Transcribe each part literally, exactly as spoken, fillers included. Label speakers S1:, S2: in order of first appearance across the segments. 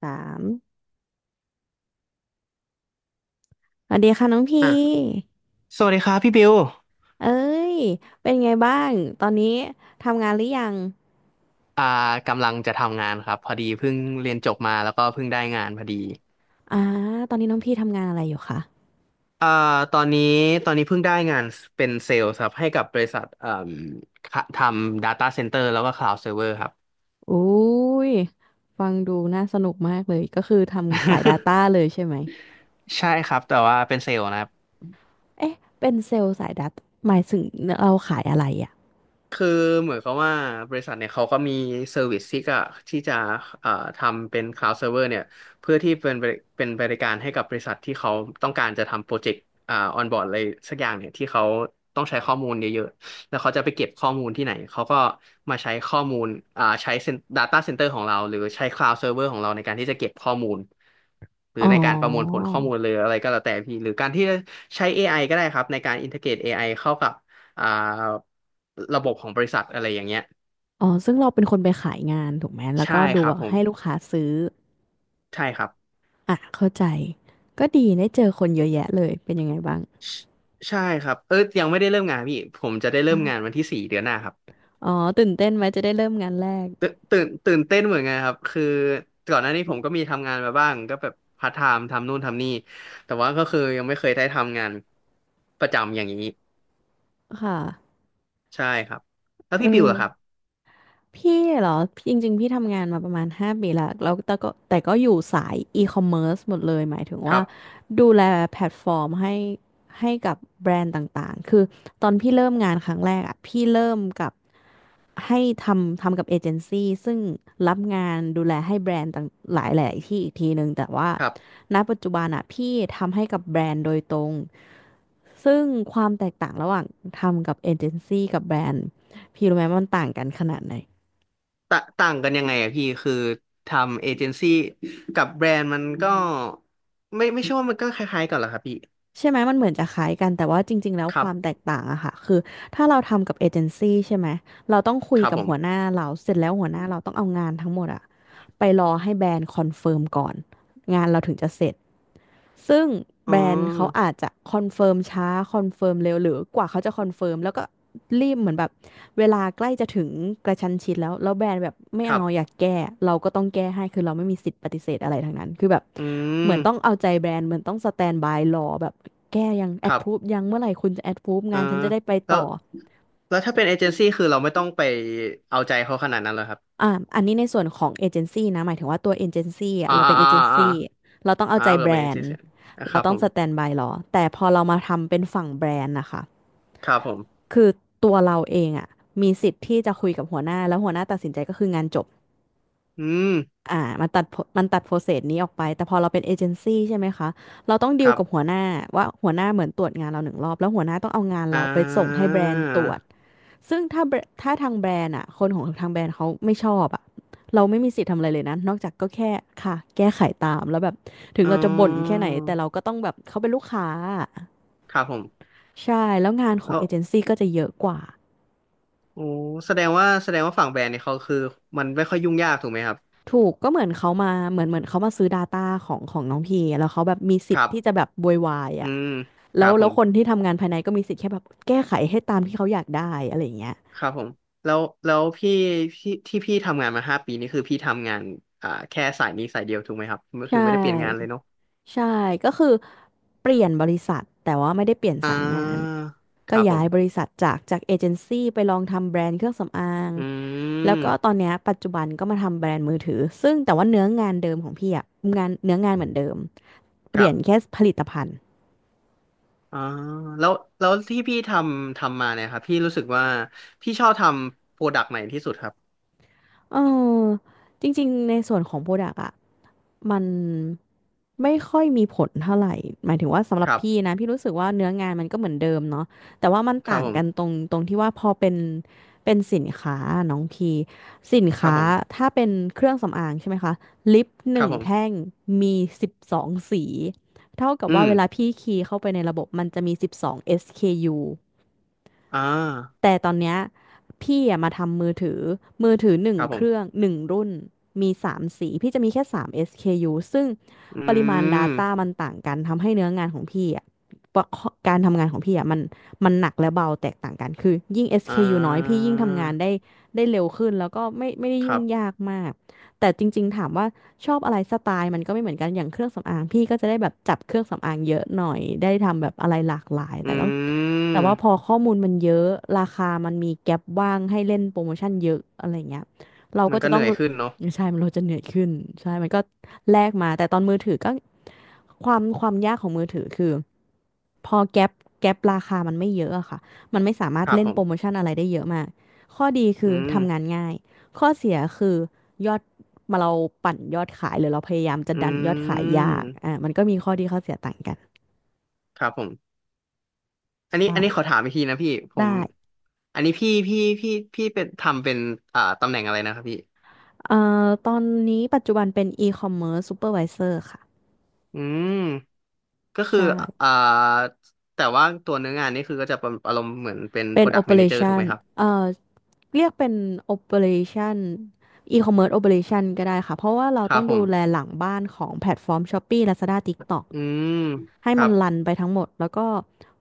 S1: สามสวัสดีค่ะน้องพี
S2: อ่ะสวัสดีครับพี่บิว
S1: เอ้ยเป็นไงบ้างตอนนี้ทำงานหรือยัง
S2: อ่ากำลังจะทำงานครับพอดีเพิ่งเรียนจบมาแล้วก็เพิ่งได้งานพอดี
S1: อ่าตอนนี้น้องพี่ทำงานอะไรอยู่คะ
S2: อ่าตอนนี้ตอนนี้เพิ่งได้งานเป็นเซลล์ครับให้กับบริษัทเอ่มค่ะทำ Data Center แล้วก็ Cloud Server ครับ
S1: อุ้ยฟังดูน่าสนุกมากเลย ก็คือทำสาย Data เลยใช่ไหม
S2: ใช่ครับแต่ว่าเป็นเซลล์นะ
S1: เอ๊ะเป็นเซลล์สาย Data หมายถึงเราขายอะไรอ่ะ
S2: คือเหมือนกับว่าบริษัทเนี่ยเขาก็มีเซอร์วิสที่ก็ที่จะเอ่อทำเป็น cloud server เนี่ยเพื่อที่เป็นบริเป็นบริการให้กับบริษัทที่เขาต้องการจะทำโปรเจกต์อ่าออนบอร์ดอะไรสักอย่างเนี่ยที่เขาต้องใช้ข้อมูลเยอะๆแล้วเขาจะไปเก็บข้อมูลที่ไหนเขาก็มาใช้ข้อมูลอ่าใช้ cen- data center ของเราหรือใช้ cloud server ของเราในการที่จะเก็บข้อมูลหรือ
S1: อ๋
S2: ในการประมวลผล
S1: อ
S2: ข้อมูลเลยออะไรก็แล้วแต่พี่หรือการที่จะใช้ a อไอก็ได้ครับในการ integrate a อไอเข้ากับ อ่าระบบของบริษัทอะไรอย่างเงี้ย
S1: อ๋อซึ่งเราเป็นคนไปขายงานถูกไหมแล้ว
S2: ใช่
S1: ก็ดู
S2: ครับ
S1: ว่า
S2: ผม
S1: ให้ลูกค้าซื้อ
S2: ใช่ครับ
S1: อ่ะเข้าใจก็ดีได้เจอคนเยอะแยะเลยเป็นยังไงบ้าง
S2: ใชใช่ครับเออยังไม่ได้เริ่มงานพี่ผมจะได้เริ่มงานวันที่สี่เดือนหน้าครับ
S1: อ๋อตื่นเต้นไหมจะได้เริ่มงานแรก
S2: ตื่นตื่นตื่นเต้นเหมือนกันครับคือก่อนหน้านี้ผมก็มีทำงานมาบ้างก็แบบพาร์ทไทม์ทำนู่นทำนี่แต่ว่าก็คือยังไม่เคยได้ทำงานประจำอย่างนี้
S1: ค่ะ
S2: ใช่ครับแล้ว
S1: เอ
S2: พี่บิวล่ะครับ
S1: อพี่เหรอพี่จริงๆพี่ทำงานมาประมาณห้าปีละแล้วแต่ก็แต่ก็อยู่สายอีคอมเมิร์ซหมดเลยหมายถึง
S2: ค
S1: ว่า
S2: รับ
S1: ดูแลแพลตฟอร์มให้ให้กับแบรนด์ต่างๆคือตอนพี่เริ่มงานครั้งแรกอ่ะพี่เริ่มกับให้ทำทำกับเอเจนซี่ซึ่งรับงานดูแลให้แบรนด์ต่างหลายๆที่อีกทีหนึ่งแต่ว่า
S2: ครับ
S1: ณปัจจุบันอ่ะพี่ทำให้กับแบรนด์โดยตรง ซึ่งความแตกต่างระหว่างทำกับเอเจนซี่กับแบรนด์พี่รู้ไหมว่ามันต่างกันขนาดไหน
S2: ตะต่างกันยังไงอะพี่คือทำเอเจนซี่กับแบรนด์มันก็ไม่ไม่ใช่ว่ามันก็คล้ายๆกันเหรอครับพี่
S1: ใช่ไหมมันเหมือนจะคล้ายกันแต่ว่าจริงๆแล้ว
S2: ค
S1: ค
S2: รับ
S1: วามแตกต่างอะค่ะคือถ้าเราทำกับเอเจนซี่ใช่ไหมเราต้องคุ
S2: ค
S1: ย
S2: รับ
S1: กับ
S2: ผ
S1: หัวห
S2: ม
S1: น้าเราเสร็จแล้วหัวหน้าเราต้องเอางานทั้งหมดอะไปรอให้แบรนด์คอนเฟิร์มก่อนงานเราถึงจะเสร็จ ซึ่ง
S2: อ๋อ
S1: แบรนด์เขาอาจจะคอนเฟิร์มช้าคอนเฟิร์มเร็วหรือกว่าเขาจะคอนเฟิร์มแล้วก็รีบเหมือนแบบเวลาใกล้จะถึงกระชั้นชิดแล้วแล้วแบรนด์แบบไม่
S2: ค
S1: เอา
S2: รั
S1: อ
S2: บ
S1: ยากแก้เราก็ต้องแก้ให้คือเราไม่มีสิทธิ์ปฏิเสธอะไรทั้งนั้นคือแบบ
S2: อื
S1: เหมือนต้อง
S2: ม
S1: เอาใจแบรนด์เหมือนต้องสแตนบายรอแบบแก้ยังแอ
S2: ค
S1: ด
S2: รั
S1: พรูฟ
S2: บ
S1: ยังเมื่อไหร่คุณจะแอดพรูฟ
S2: เออ
S1: งานฉันจะได้ไป
S2: แล้ว
S1: ต่อ
S2: แล้วถ้าเป็นเอเจนซี่คือเราไม่ต้องไปเอาใจเขาขนาดนั้นเลยครับ
S1: อ่าอันนี้ในส่วนของเอเจนซี่นะหมายถึงว่าตัวเอเจนซี่อะ
S2: อ่า
S1: เราเป็นเอ
S2: อ่า
S1: เจน
S2: อ่าอ่า
S1: ซี่เราต้องเอา
S2: อ่า
S1: ใจ
S2: เรา
S1: แบร
S2: เป็นเอ
S1: น
S2: เจน
S1: ด์
S2: ซี่นะค
S1: เรา
S2: รับ
S1: ต้อ
S2: ผ
S1: ง
S2: ม
S1: สแตนบายรอแต่พอเรามาทำเป็นฝั่งแบรนด์นะคะ
S2: ครับผม
S1: คือตัวเราเองอ่ะมีสิทธิ์ที่จะคุยกับหัวหน้าแล้วหัวหน้าตัดสินใจก็คืองานจบ
S2: อืม
S1: อ่ามันตัด pro- มันตัดโปรเซสนี้ออกไปแต่พอเราเป็นเอเจนซี่ใช่ไหมคะเราต้อง
S2: ค
S1: ดีล
S2: รับ
S1: กับหัวหน้าว่าหัวหน้าเหมือนตรวจงานเราหนึ่งรอบแล้วหัวหน้าต้องเอางาน
S2: อ่
S1: เราไปส่งให้
S2: า
S1: แบรนด์ตรวจซึ่งถ้าแบรถ้าทางแบรนด์อ่ะคนของทางแบรนด์เขาไม่ชอบอ่ะเราไม่มีสิทธิ์ทำอะไรเลยนะนอกจากก็แค่ค่ะแก้ไขตามแล้วแบบถึง
S2: อ๋อ
S1: เราจะบ่นแค่ไหนแต่เราก็ต้องแบบเขาเป็นลูกค้า
S2: ครับผม
S1: ใช่แล้วงานข
S2: เอ
S1: อง
S2: อ
S1: เอเจนซี่ก็จะเยอะกว่า
S2: โอ้แสดงว่าแสดงว่าฝั่งแบรนด์เนี่ยเขาคือมันไม่ค่อยยุ่งยากถูกไหมครับ
S1: ถูกก็เหมือนเขามาเหมือนเหมือนเขามาซื้อ Data ของของน้องพีแล้วเขาแบบมีสิ
S2: ค
S1: ท
S2: รั
S1: ธิ์ที่จะ
S2: บ
S1: แบบบวยวาย
S2: อื
S1: อ่ะ
S2: มค
S1: แล้
S2: รั
S1: ว
S2: บผ
S1: แล้ว
S2: ม
S1: คนที่ทำงานภายในก็มีสิทธิ์แค่แบบแก้ไขให้ตามที่เขาอยากได้อะไรอย่างเงี้ย
S2: ครับผมแล้วแล้วพี่พี่ที่พี่ทำงานมาห้าปีนี่คือพี่ทำงานอ่าแค่สายนี้สายเดียวถูกไหมครับก็
S1: ใช
S2: คือไม่ได้เปลี่ยนงานเลย
S1: ่
S2: เนาะ
S1: ใช่ก็คือเปลี่ยนบริษัทแต่ว่าไม่ได้เปลี่ยน
S2: อ่
S1: สายงาน
S2: าค
S1: ก็
S2: รับผ
S1: ย้ายบ
S2: ม
S1: ริษัทจากจากเอเจนซี่ไปลองทำแบรนด์เครื่องสำอาง
S2: อื
S1: แล้วก็ตอน
S2: ม
S1: เนี้ยปัจจุบันก็มาทำแบรนด์มือถือซึ่งแต่ว่าเนื้องานเดิมของพี่อะงานเนื้องานเหมือนเดิมเป
S2: ค
S1: ลี่
S2: รั
S1: ย
S2: บ
S1: นแค่ผลิตภัณฑ์
S2: อ่าแล้วแล้วที่พี่ทำทำมาเนี่ยครับพี่รู้สึกว่าพี่ชอบทำโปรดักต์ไหนที่สุดครับ
S1: เออจริงๆในส่วนของโปรดักอะมันไม่ค่อยมีผลเท่าไหร่หมายถึงว่าสำหรั
S2: ค
S1: บ
S2: รับ
S1: พี่นะพี่รู้สึกว่าเนื้องานมันก็เหมือนเดิมเนาะแต่ว่ามัน
S2: ครั
S1: ต่า
S2: บ
S1: ง
S2: ผ
S1: กันต
S2: ม
S1: รงตรงที่ว่าพอเป็นเป็นสินค้าน้องพีสิน
S2: ครับ
S1: ค้า
S2: ผม
S1: ถ้าเป็นเครื่องสำอางใช่ไหมคะลิปห
S2: ครั
S1: นึ่
S2: บ
S1: ง
S2: ผ
S1: แท่
S2: ม
S1: งมีสิบสองสีเท่ากับ
S2: อื
S1: ว่า
S2: ม
S1: เวลาพี่คีย์เข้าไปในระบบมันจะมีสิบสอง เอส เค ยู
S2: อ่า
S1: แต่ตอนเนี้ยพี่อะมาทำมือถือมือถือหนึ่ง
S2: ครับผ
S1: เครื่อง
S2: ม
S1: หนึ่งรุ่นมีสามสีพี่จะมีแค่สาม เอส เค ยู ซึ่ง
S2: อื
S1: ปริมาณ Data มั
S2: ม
S1: นต่างกันทำให้เนื้องานของพี่อะประกอบการทำงานของพี่อะมันมันหนักและเบาแตกต่างกันคือยิ่ง
S2: อ่
S1: เอส เค ยู น้อยพี่
S2: า
S1: ยิ่งทำงานได้ได้เร็วขึ้นแล้วก็ไม่ไม่ได้
S2: ครั
S1: ยุ่ง
S2: บ
S1: ยากมากแต่จริงๆถามว่าชอบอะไรสไตล์มันก็ไม่เหมือนกันอย่างเครื่องสำอางพี่ก็จะได้แบบจับเครื่องสำอางเยอะหน่อยได้ทำแบบอะไรหลากหลายแต่ต้อง
S2: อื
S1: แต่ว่าพ
S2: ม
S1: อข้อมูลมันเยอะราคามันมีแก็ปว่างให้เล่นโปรโมชั่นเยอะอะไรเงี้ยเรา
S2: มั
S1: ก็
S2: นก็
S1: จะ
S2: เห
S1: ต้อ
S2: นื่
S1: ง
S2: อยขึ้นเนาะ
S1: ใช่มันเราจะเหนื่อยขึ้นใช่มันก็แลกมาแต่ตอนมือถือก็ความความยากของมือถือคือพอแก็ปแก็ปราคามันไม่เยอะอะค่ะมันไม่สามาร
S2: ค
S1: ถ
S2: รับ
S1: เล่น
S2: ผ
S1: โปรโม
S2: ม
S1: ชั่นอะไรได้เยอะมากข้อดีคื
S2: อื
S1: อ
S2: ม
S1: ทำงานง่ายข้อเสียคือยอดมาเราปั่นยอดขายหรือเราพยายามจะ
S2: อื
S1: ดันยอดขายยากอ่า
S2: ม
S1: มันก็มีข้อดีข้อเสียต่างกัน
S2: ครับผมอันนี้อันนี้ขอ
S1: ใช่
S2: ถามอีกทีนะพี่ผ
S1: ได้
S2: มอันนี้พี่พี่พี่พี่เป็นทำเป็นอ่าตำแหน่งอะไรนะครับพี่
S1: เอ่อตอนนี้ปัจจุบันเป็น e-commerce supervisor ค่ะ
S2: อืมก็คือ
S1: ใช่
S2: อ่าแต่ว่าตัวเนื้องานนี่คือก็จะเป็นอารมณ์เหมือนเป็น
S1: เป็น
S2: Product Manager ถูกไห
S1: operation
S2: มครับ
S1: เอ่อเรียกเป็น operation e-commerce operation ก็ได้ค่ะเพราะว่าเรา
S2: ครั
S1: ต้
S2: บ
S1: อง
S2: ผ
S1: ดูแล
S2: ม
S1: หลังบ้านของแพลตฟอร์ม Shopee Lazada TikTok
S2: อืม
S1: ให้
S2: ครั
S1: มัน
S2: บ
S1: รันไปทั้งหมดแล้วก็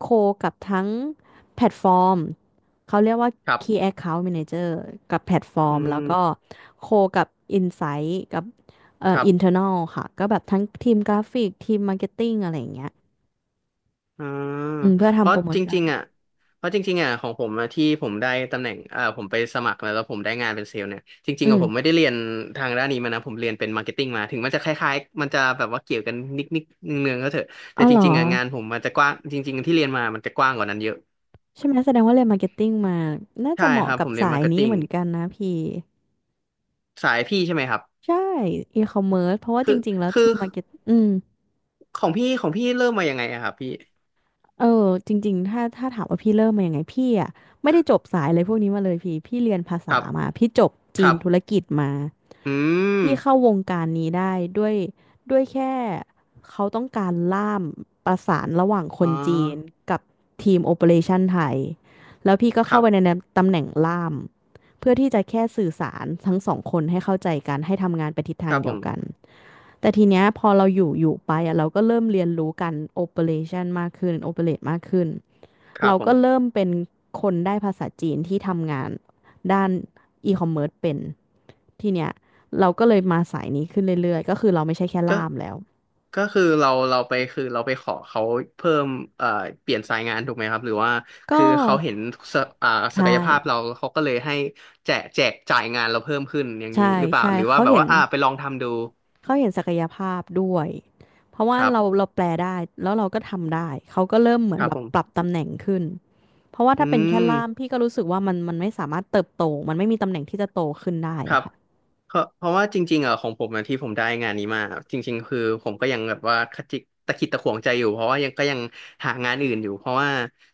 S1: โคกับทั้งแพลตฟอร์มเขาเรียกว่า
S2: ครับ
S1: Key Account Manager กับแพลตฟอ
S2: อื
S1: ร์มแล้วก็
S2: ม
S1: โคกับ Insight กับเอ่
S2: ค
S1: อ
S2: รับ
S1: internal ค่ะก็แบบทั้งทีมกราฟิกทีมมาร์เก็ตติ้งอะไรอย่างเงี้ย
S2: อ่า
S1: อืมเพื่อ
S2: เพ
S1: ทำโป
S2: ราะ
S1: รโม
S2: จ
S1: ชั่
S2: ริ
S1: น
S2: งๆอ่ะเพราะจริงๆอ่ะของผมอะที่ผมได้ตำแหน่งเอ่อผมไปสมัครแล้วแล้วผมได้งานเป็นเซลล์เนี่ยจริ
S1: อื
S2: งๆอะผมไม่
S1: ม
S2: ได้เรียนทางด้านนี้มานะผมเรียนเป็นมาร์เก็ตติ้งมาถึงมันจะคล้ายๆมันจะแบบว่าเกี่ยวกันนิดๆเนืองๆก็เถอะ
S1: อ๋
S2: แต่
S1: อ
S2: จ
S1: เหรอ
S2: ริงๆอ่ะงานผมมันจะกว้างจริงๆที่เรียนมามันจะกว้างกว่านั้นเยอะ
S1: ใช่ไหมแสดงว่าเรียนมาร์เก็ตติ้งมา น่าจะ
S2: ใช่
S1: เห
S2: ค
S1: มาะ
S2: รับ
S1: กั
S2: ผ
S1: บ
S2: มเรียน
S1: สา
S2: มา
S1: ย
S2: ร์เก็ต
S1: นี้
S2: ติ้ง
S1: เหมือนกันนะพี่
S2: สายพี่ใช่ไหมครับ
S1: ใช่อีคอมเมิร์ซเพราะว่าจ
S2: คือ
S1: ริงๆแล้ว
S2: คื
S1: ที
S2: อ
S1: มมาร์เก็ตอืม
S2: ของพี่ของพี่เริ่มมายังไงอะครับพี่
S1: เออจริงๆถ้าถ้าถามว่าพี่เริ่มมายังไงพี่อ่ะไม่ได้จบสายอะไรพวกนี้มาเลยพี่พี่เรียนภา
S2: ค
S1: ษา
S2: รับ
S1: มาพี่จบ
S2: ค
S1: จี
S2: รั
S1: นธุร
S2: บ
S1: กิจมา
S2: อืม
S1: ที่เข้าวงการนี้ได้ด้วยด้วยแค่เขาต้องการล่ามประสานระหว่างค
S2: อ๋อ
S1: นจีนกับทีมโอเปอเรชันไทยแล้วพี่ก็
S2: ค
S1: เข้า
S2: รับ
S1: ไปในตำแหน่งล่ามเพื่อที่จะแค่สื่อสารทั้งสองคนให้เข้าใจกันให้ทำงานไปทิศ
S2: ค
S1: ทาง
S2: รับ
S1: เดี
S2: ผ
S1: ยวกัน
S2: ม
S1: แต่ทีเนี้ยพอเราอยู่อยู่ไปอะเราก็เริ่มเรียนรู้การโอเปอเรชันมากขึ้นโอเปเรตมากขึ้น
S2: ครับ
S1: เรา
S2: ผ
S1: ก็
S2: ม
S1: เริ่มเป็นคนได้ภาษาจีนที่ทำงานด้านอีคอมเมิร์ซเป็นทีเนี้ยเราก็เลยมาสายนี้ขึ้นเรื่อยๆก็คือเราไม่ใช่แค่
S2: ก็
S1: ล่ามแล้ว
S2: ก็คือเราเราไปคือเราไปขอเขาเพิ่มเอ่อเปลี่ยนสายงานถูกไหมครับหรือว่า
S1: ก็
S2: คือเขาเห็นศอ่าศั
S1: ใช่
S2: กยภาพเราเขาก็เลยให้แจกแจกจ่ายงานเราเพิ่มขึ้นอย่างนี้
S1: ใช่
S2: หรือเปล่า
S1: ใช่
S2: หรือว่า
S1: เขา
S2: แบบ
S1: เห็น
S2: ว่าอ่าไปลองทำดู
S1: เขาเห็นศักยภาพด้วยเพราะว่า
S2: ครับ
S1: เราเราแปลได้แล้วเราก็ทำได้เขาก็เริ่มเหมือ
S2: ค
S1: น
S2: รับ
S1: แบ
S2: ผ
S1: บปรับ
S2: ม
S1: ตำแหน่งขึ้นเพราะว่า
S2: อื
S1: ถ้าเป็นแค่
S2: ม
S1: ล่ามพี่ก็รู้สึกว่ามันมันไม่สามารถเติบโตมันไม่มีตำแหน่งที่จะโตขึ้นได้
S2: ครั
S1: อะ
S2: บ
S1: ค่ะ
S2: เพราะเพราะว่าจริงๆอ่ะของผมอะที่ผมได้งานนี้มาจริงๆคือผมก็ยังแบบว่าขจิกตะขิดตะขวงใจอยู่เพราะว่ายังก็ยังหางานอื่นอยู่เพราะว่า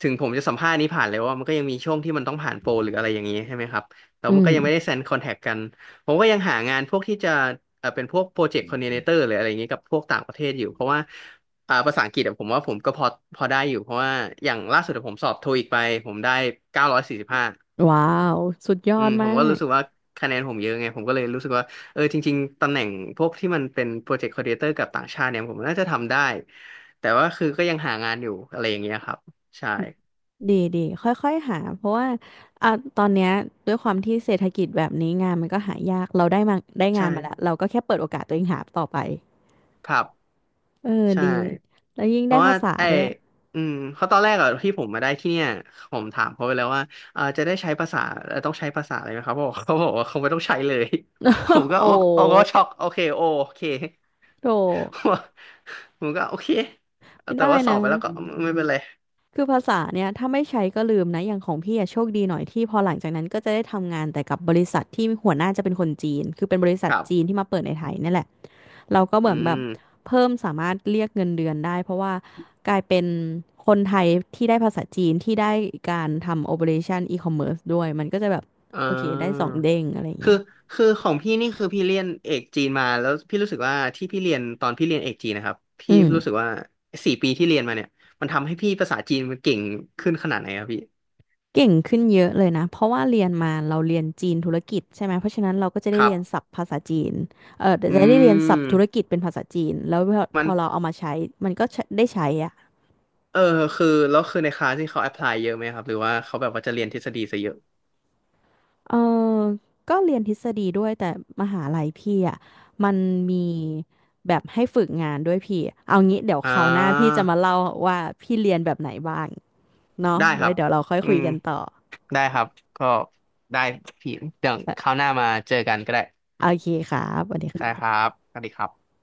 S2: ถึงผมจะสัมภาษณ์นี้ผ่านแล้วว่ามันก็ยังมีช่วงที่มันต้องผ่านโปรหรืออะไรอย่างนี้ใช่ไหมครับแล้ว
S1: อื
S2: มันก็ยังไม่ได้
S1: ม
S2: เซ็นคอนแทคกันผมก็ยังหางานพวกที่จะเอ่อเป็นพวกโปรเจกต์คอ r d ดิเนเตอร์หรืออะไรอย่างนี้กับพวกต่างประเทศอยู่เพราะว่าอ่าภาษาอังกฤษอะผมว่าผมก็พอพอได้อยู่เพราะว่าอย่างล่าสุดอะผมสอบโทอีกไปผมได้เก้าร้อยสี่สิบห้า
S1: ว้าวสุดยอ
S2: อื
S1: ด
S2: มผ
S1: มา
S2: มก็
S1: ก
S2: รู้สึกว่าคะแนนผมเยอะไงผมก็เลยรู้สึกว่าเออจริงๆตำแหน่งพวกที่มันเป็นโปรเจกต์คอ r d ดิเ t เตอร์กับต่างชาติเนี่ยผมน่าจะทำได้แต่ว่าคือก็ยังหางานอยู่อะไรอย่างเงี้ยครับใช่
S1: ดีดีค่อยๆหาเพราะว่าอ่ะตอนเนี้ยด้วยความที่เศรษฐกิจแบบนี้งานมันก็หายากเราได้มาได้
S2: ใ
S1: งานมาแล้ว
S2: ช่
S1: เราก็แค่เปิดโอกาสตัวเองหาต่อไป
S2: ครับ
S1: เออ
S2: ใช่
S1: ดีแล้วยิ่ง
S2: เพ
S1: ได้
S2: ราะว่า
S1: ภาษา
S2: ไอ
S1: ด้วย
S2: อืมเพราะตอนแรกอะที่ผมมาได้ที่เนี่ยผมถามเขาไปแล้วว่าเออจะได้ใช้ภาษาเอ่อต้องใช้ภาษาอะไรไหมครับเขาบอกเขาบอกว่าเขาไม่ต้องใช้เลย ผม ก็
S1: โอ้
S2: โอโอ้ก็ช็อกโอเคโอโอเค
S1: โธ่
S2: ผมก็โอเค
S1: ไม่
S2: แต่
S1: ได้
S2: ว่าสอ
S1: นะ
S2: บไปแล้วก็ไม่เป็นไร
S1: คือภาษาเนี่ยถ้าไม่ใช้ก็ลืมนะอย่างของพี่อะโชคดีหน่อยที่พอหลังจากนั้นก็จะได้ทำงานแต่กับบริษัทที่หัวหน้าจะเป็นคนจีนคือเป็นบริษั
S2: ค
S1: ท
S2: รั
S1: จีน
S2: บ
S1: ที่มาเปิดในไทยนี่แหละ เราก็เห
S2: อื
S1: มือนแบบ
S2: ม
S1: เพิ่มสามารถเรียกเงินเดือนได้เพราะว่ากลายเป็นคนไทยที่ได้ภาษาจีนที่ได้การทำ operation e-commerce ด้วยมันก็จะแบบ
S2: อ่า
S1: โอเคได้สองเด้งอะไร
S2: คือ
S1: เงี้ย
S2: คือของพี่นี่คือพี่เรียนเอกจีนมาแล้วพี่รู้สึกว่าที่พี่เรียนตอนพี่เรียนเอกจีนนะครับ
S1: อื
S2: พี่รู้สึก
S1: ม
S2: ว่าสี่ปีที่เรียนมาเนี่ยมันทำให้พี่ภาษาจีนมันเก่งขึ้นขนาดไหนครับพี่
S1: เก่งขึ้นเยอะเลยนะเพราะว่าเรียนมาเราเรียนจีนธุรกิจใช่ไหมเพราะฉะนั้นเราก็จะ
S2: ค
S1: ได้
S2: รั
S1: เรียน
S2: บ
S1: ศัพท์ภาษาจีนเออ
S2: อื
S1: จะได้เรียนศัพท์ธุร
S2: ม
S1: กิจเป็นภาษาจีนแล้วพอพ
S2: มัน
S1: อเราเอามาใช้มันก็ใช้ได้ใช้อะ
S2: เออคือแล้วคือในคลาสที่เขาแอพพลายเยอะไหมครับหรือว่าเขาแบบว่าจะเรียนทฤษฎีซะเยอะ
S1: เออก็เรียนทฤษฎีด้วยแต่มหาลัยพี่อ่ะมันมีแบบให้ฝึกงานด้วยพี่เอางี้เดี๋ยว
S2: อ่า
S1: คราวหน้าพี่จะมาเล่าว่าพี่เรียนแบบไหนบ้างเนาะ
S2: ได้ค
S1: ไว้
S2: รับ
S1: เดี๋ยวเราค่อย
S2: อื
S1: คุย
S2: ม
S1: กันต่อ
S2: ได้ครับก็ได้พี่เดี๋ยว
S1: เอ
S2: คราว
S1: อ
S2: หน้ามาเจอกันก็ได้
S1: โอเคครับสวัสดีค
S2: ได้
S1: รับ
S2: ครับสวัสดีครับ